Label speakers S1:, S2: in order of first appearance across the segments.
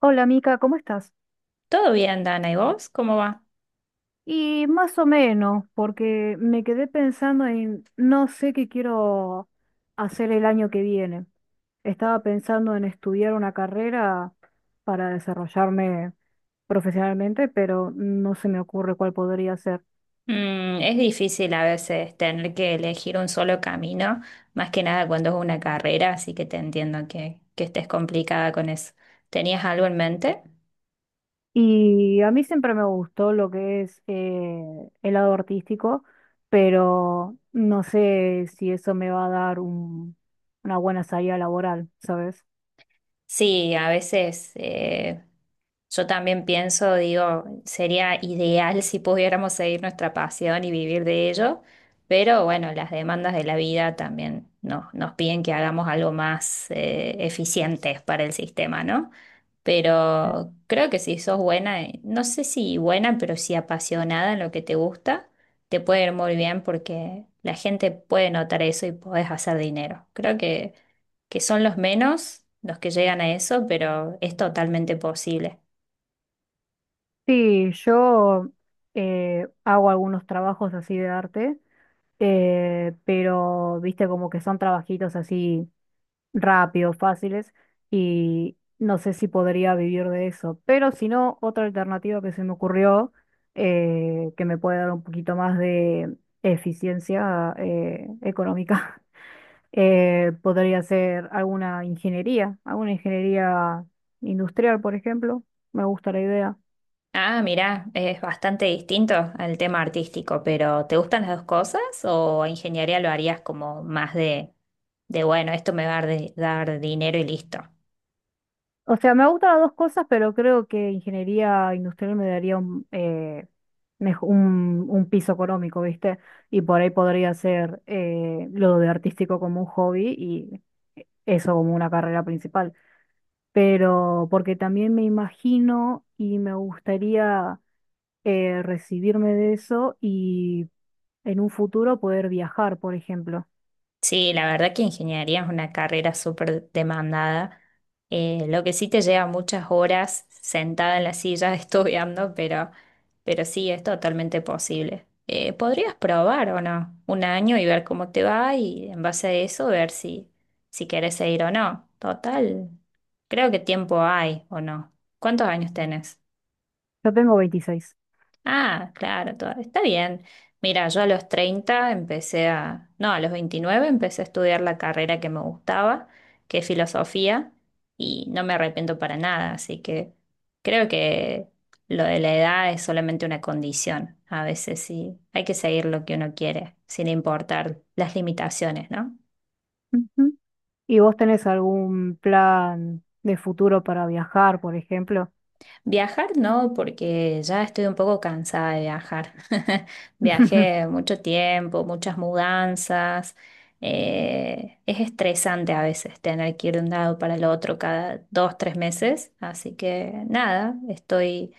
S1: Hola Mica, ¿cómo estás?
S2: Todo bien, Dana, ¿y vos? ¿Cómo va?
S1: Y más o menos, porque me quedé pensando en no sé qué quiero hacer el año que viene. Estaba pensando en estudiar una carrera para desarrollarme profesionalmente, pero no se me ocurre cuál podría ser.
S2: Es difícil a veces tener que elegir un solo camino, más que nada cuando es una carrera, así que te entiendo que estés complicada con eso. ¿Tenías algo en mente?
S1: Y a mí siempre me gustó lo que es el lado artístico, pero no sé si eso me va a dar una buena salida laboral, ¿sabes?
S2: Sí, a veces. Yo también pienso, digo, sería ideal si pudiéramos seguir nuestra pasión y vivir de ello, pero bueno, las demandas de la vida también nos piden que hagamos algo más eficiente para el sistema, ¿no? Pero creo que si sos buena, no sé si buena, pero sí apasionada en lo que te gusta, te puede ir muy bien porque la gente puede notar eso y podés hacer dinero. Creo que son los menos los que llegan a eso, pero es totalmente posible.
S1: Sí, yo hago algunos trabajos así de arte, pero viste como que son trabajitos así rápidos, fáciles, y no sé si podría vivir de eso. Pero si no, otra alternativa que se me ocurrió, que me puede dar un poquito más de eficiencia económica, podría ser alguna ingeniería industrial, por ejemplo. Me gusta la idea.
S2: Ah, mirá, es bastante distinto al tema artístico, pero ¿te gustan las dos cosas o ingeniería lo harías como más de bueno, esto me va a dar, dar dinero y listo?
S1: O sea, me gustan las dos cosas, pero creo que ingeniería industrial me daría un piso económico, ¿viste? Y por ahí podría hacer lo de artístico como un hobby y eso como una carrera principal. Pero porque también me imagino y me gustaría recibirme de eso y en un futuro poder viajar, por ejemplo.
S2: Sí, la verdad que ingeniería es una carrera súper demandada. Lo que sí te lleva muchas horas sentada en la silla estudiando, pero sí es totalmente posible. Podrías probar o no, un año y ver cómo te va y en base a eso ver si quieres seguir o no. Total, creo que tiempo hay o no. ¿Cuántos años tenés?
S1: Yo tengo 26.
S2: Ah, claro, está bien. Mira, yo a los 30 empecé a, no, a los 29 empecé a estudiar la carrera que me gustaba, que es filosofía, y no me arrepiento para nada, así que creo que lo de la edad es solamente una condición. A veces sí, hay que seguir lo que uno quiere, sin importar las limitaciones, ¿no?
S1: ¿Y vos tenés algún plan de futuro para viajar, por ejemplo?
S2: Viajar no, porque ya estoy un poco cansada de viajar. Viajé mucho tiempo, muchas mudanzas. Es estresante a veces tener que ir de un lado para el otro cada 2, 3 meses. Así que nada, estoy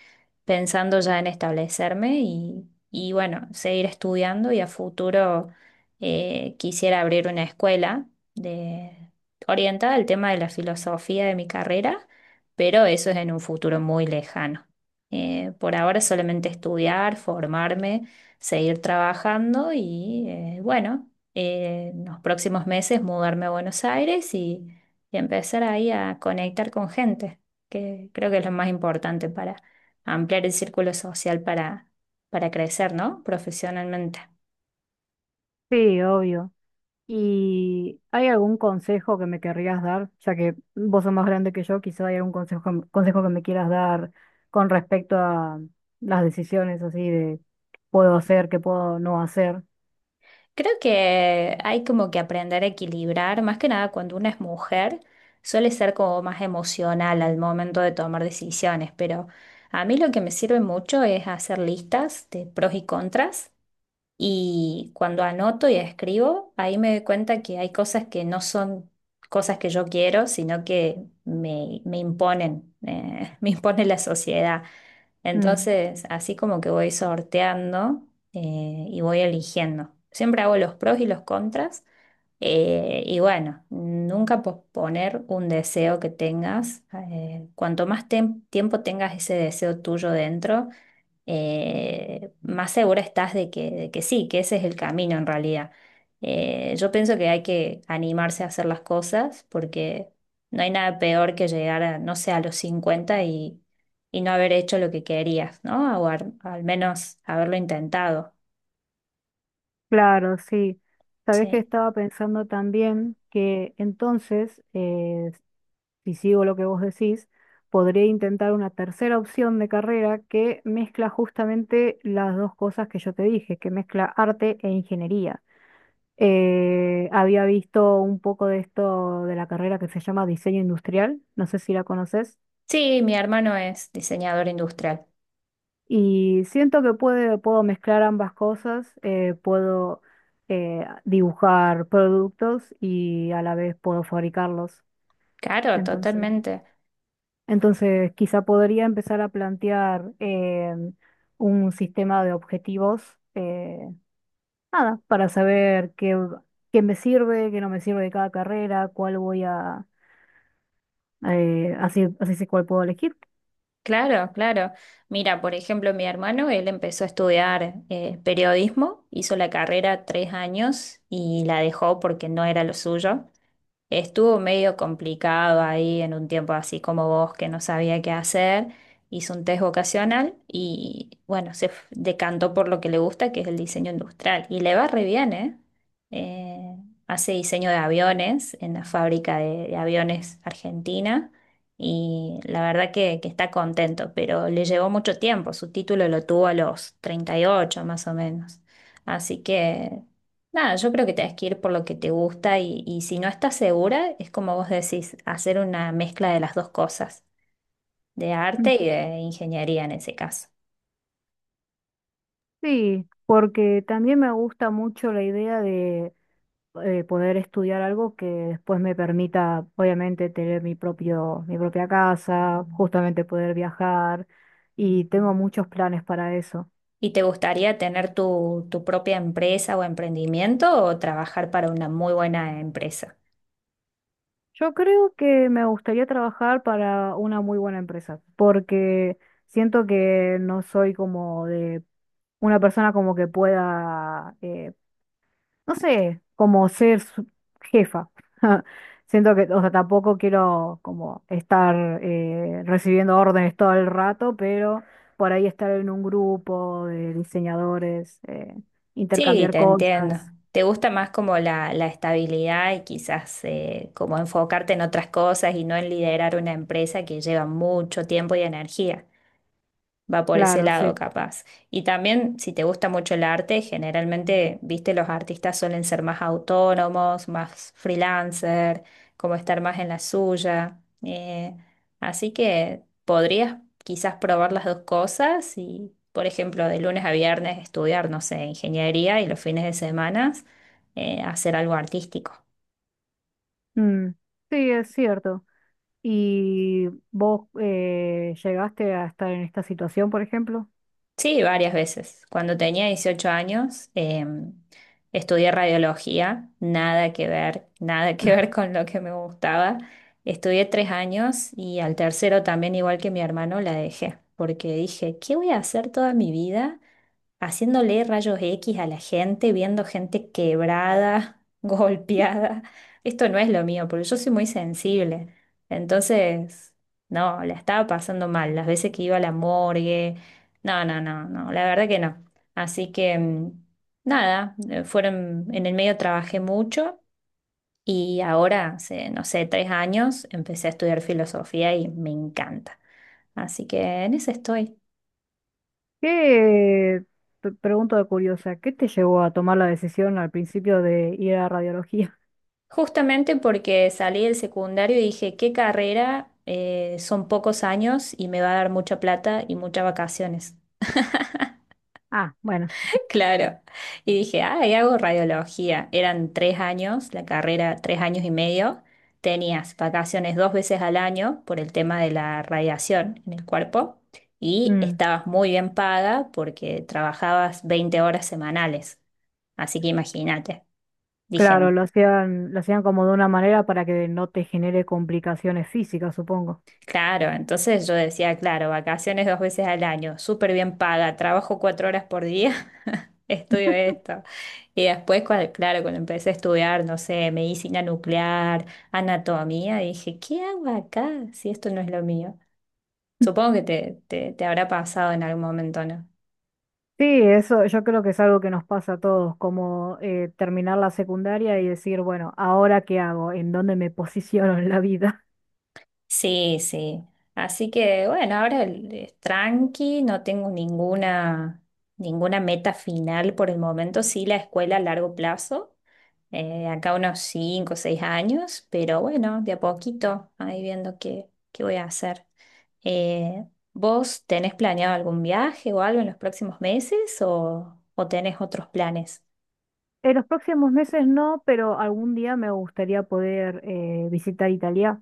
S2: pensando ya en establecerme y bueno, seguir estudiando y a futuro quisiera abrir una escuela de, orientada al tema de la filosofía de mi carrera, pero eso es en un futuro muy lejano. Por ahora solamente estudiar, formarme, seguir trabajando y bueno, en los próximos meses mudarme a Buenos Aires y empezar ahí a conectar con gente, que creo que es lo más importante para ampliar el círculo social para crecer, ¿no? Profesionalmente.
S1: Sí, obvio. ¿Y hay algún consejo que me querrías dar? Ya que vos sos más grande que yo, quizá hay algún consejo, consejo que me quieras dar con respecto a las decisiones así de puedo hacer, qué puedo no hacer.
S2: Creo que hay como que aprender a equilibrar, más que nada cuando una es mujer, suele ser como más emocional al momento de tomar decisiones, pero a mí lo que me sirve mucho es hacer listas de pros y contras y cuando anoto y escribo, ahí me doy cuenta que hay cosas que no son cosas que yo quiero, sino que me imponen, me impone la sociedad.
S1: Mm,
S2: Entonces, así como que voy sorteando y voy eligiendo. Siempre hago los pros y los contras. Y bueno, nunca posponer un deseo que tengas. Cuanto más tiempo tengas ese deseo tuyo dentro, más segura estás de que sí, que ese es el camino en realidad. Yo pienso que hay que animarse a hacer las cosas porque no hay nada peor que llegar a, no sé, a los 50 y no haber hecho lo que querías, ¿no? O al menos haberlo intentado,
S1: claro, sí. Sabés que
S2: sí.
S1: estaba pensando también que entonces, si sigo lo que vos decís, podría intentar una tercera opción de carrera que mezcla justamente las dos cosas que yo te dije, que mezcla arte e ingeniería. Había visto un poco de esto de la carrera que se llama diseño industrial, no sé si la conoces,
S2: Sí, mi hermano es diseñador industrial.
S1: y siento que puedo mezclar ambas cosas, puedo dibujar productos y a la vez puedo fabricarlos.
S2: Claro,
S1: Entonces...
S2: totalmente.
S1: Entonces, quizá podría empezar a plantear un sistema de objetivos, nada, para saber qué, qué me sirve, qué no me sirve de cada carrera, así, así sé cuál puedo elegir.
S2: Claro, claro. Mira, por ejemplo, mi hermano, él empezó a estudiar periodismo, hizo la carrera 3 años y la dejó porque no era lo suyo. Estuvo medio complicado ahí en un tiempo así como vos, que no sabía qué hacer. Hizo un test vocacional y bueno, decantó por lo que le gusta, que es el diseño industrial. Y le va re bien, ¿eh? Eh, hace diseño de aviones en la fábrica de aviones argentina y la verdad que está contento, pero le llevó mucho tiempo. Su título lo tuvo a los 38 más o menos. Así que. Nada, yo creo que tenés que ir por lo que te gusta y si no estás segura, es como vos decís, hacer una mezcla de las dos cosas, de
S1: Mm.
S2: arte y de ingeniería en ese caso.
S1: Sí, porque también me gusta mucho la idea de poder estudiar algo que después me permita, obviamente, tener mi propia casa, justamente poder viajar, y tengo muchos planes para eso.
S2: ¿Y te gustaría tener tu propia empresa o emprendimiento o trabajar para una muy buena empresa?
S1: Yo creo que me gustaría trabajar para una muy buena empresa, porque siento que no soy como de una persona como que pueda, no sé, como ser jefa. Siento que, o sea, tampoco quiero como estar recibiendo órdenes todo el rato, pero por ahí estar en un grupo de diseñadores,
S2: Sí,
S1: intercambiar
S2: te entiendo.
S1: cosas.
S2: ¿Te gusta más como la estabilidad y quizás como enfocarte en otras cosas y no en liderar una empresa que lleva mucho tiempo y energía? Va por ese
S1: Claro,
S2: lado
S1: sí.
S2: capaz. Y también, si te gusta mucho el arte, generalmente, viste, los artistas suelen ser más autónomos, más freelancer, como estar más en la suya. Así que podrías quizás probar las dos cosas y, por ejemplo, de lunes a viernes estudiar, no sé, ingeniería y los fines de semana hacer algo artístico.
S1: Mm, sí, es cierto. Y vos llegaste a estar en esta situación, por ejemplo.
S2: Sí, varias veces. Cuando tenía 18 años, estudié radiología, nada que ver, nada que ver con lo que me gustaba. Estudié 3 años y al tercero también, igual que mi hermano, la dejé, porque dije, ¿qué voy a hacer toda mi vida haciéndole rayos X a la gente, viendo gente quebrada, golpeada? Esto no es lo mío, porque yo soy muy sensible. Entonces, no, la estaba pasando mal. Las veces que iba a la morgue, no, no, no, no, la verdad que no. Así que, nada, fueron, en el medio trabajé mucho. Y ahora, hace, no sé, 3 años, empecé a estudiar filosofía y me encanta. Así que en eso estoy.
S1: ¿Qué, te pregunto de curiosa, qué te llevó a tomar la decisión al principio de ir a radiología?
S2: Justamente porque salí del secundario y dije, ¿qué carrera? Son pocos años y me va a dar mucha plata y muchas vacaciones.
S1: Ah, bueno,
S2: Claro. Y dije, ah, y hago radiología. Eran 3 años, la carrera 3 años y medio. Tenías vacaciones dos veces al año por el tema de la radiación en el cuerpo y
S1: mm,
S2: estabas muy bien paga porque trabajabas 20 horas semanales. Así que imagínate. Dije.
S1: claro, lo hacían como de una manera para que no te genere complicaciones físicas, supongo.
S2: Claro, entonces yo decía, claro, vacaciones dos veces al año, súper bien paga, trabajo 4 horas por día, estudio esto. Y después, claro, cuando empecé a estudiar, no sé, medicina nuclear, anatomía, dije, ¿qué hago acá si esto no es lo mío? Supongo que te habrá pasado en algún momento, ¿no?
S1: Sí, eso yo creo que es algo que nos pasa a todos, como terminar la secundaria y decir, bueno, ¿ahora qué hago? ¿En dónde me posiciono en la vida?
S2: Sí, sí. Así que bueno, ahora es tranqui, no tengo ninguna meta final por el momento, sí la escuela a largo plazo acá unos 5 o 6 años, pero bueno, de a poquito, ahí viendo qué voy a hacer. Eh, ¿vos tenés planeado algún viaje o algo en los próximos meses o tenés otros planes?
S1: En los próximos meses no, pero algún día me gustaría poder visitar Italia,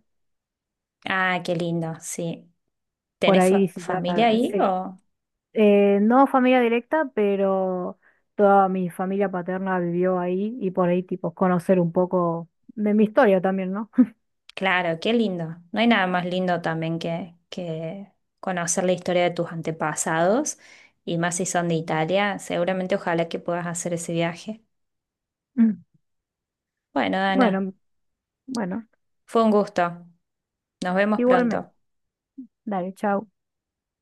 S2: Ah, qué lindo, sí.
S1: por
S2: ¿Tenés
S1: ahí visitar,
S2: familia ahí
S1: sí.
S2: o?
S1: No familia directa, pero toda mi familia paterna vivió ahí y por ahí tipo conocer un poco de mi historia también, ¿no?
S2: Claro, qué lindo. No hay nada más lindo también que conocer la historia de tus antepasados y más si son de Italia. Seguramente ojalá que puedas hacer ese viaje.
S1: Mm.
S2: Bueno, Dana,
S1: Bueno, bueno,
S2: fue un gusto. Nos vemos
S1: igualmente.
S2: pronto.
S1: Dale, chao.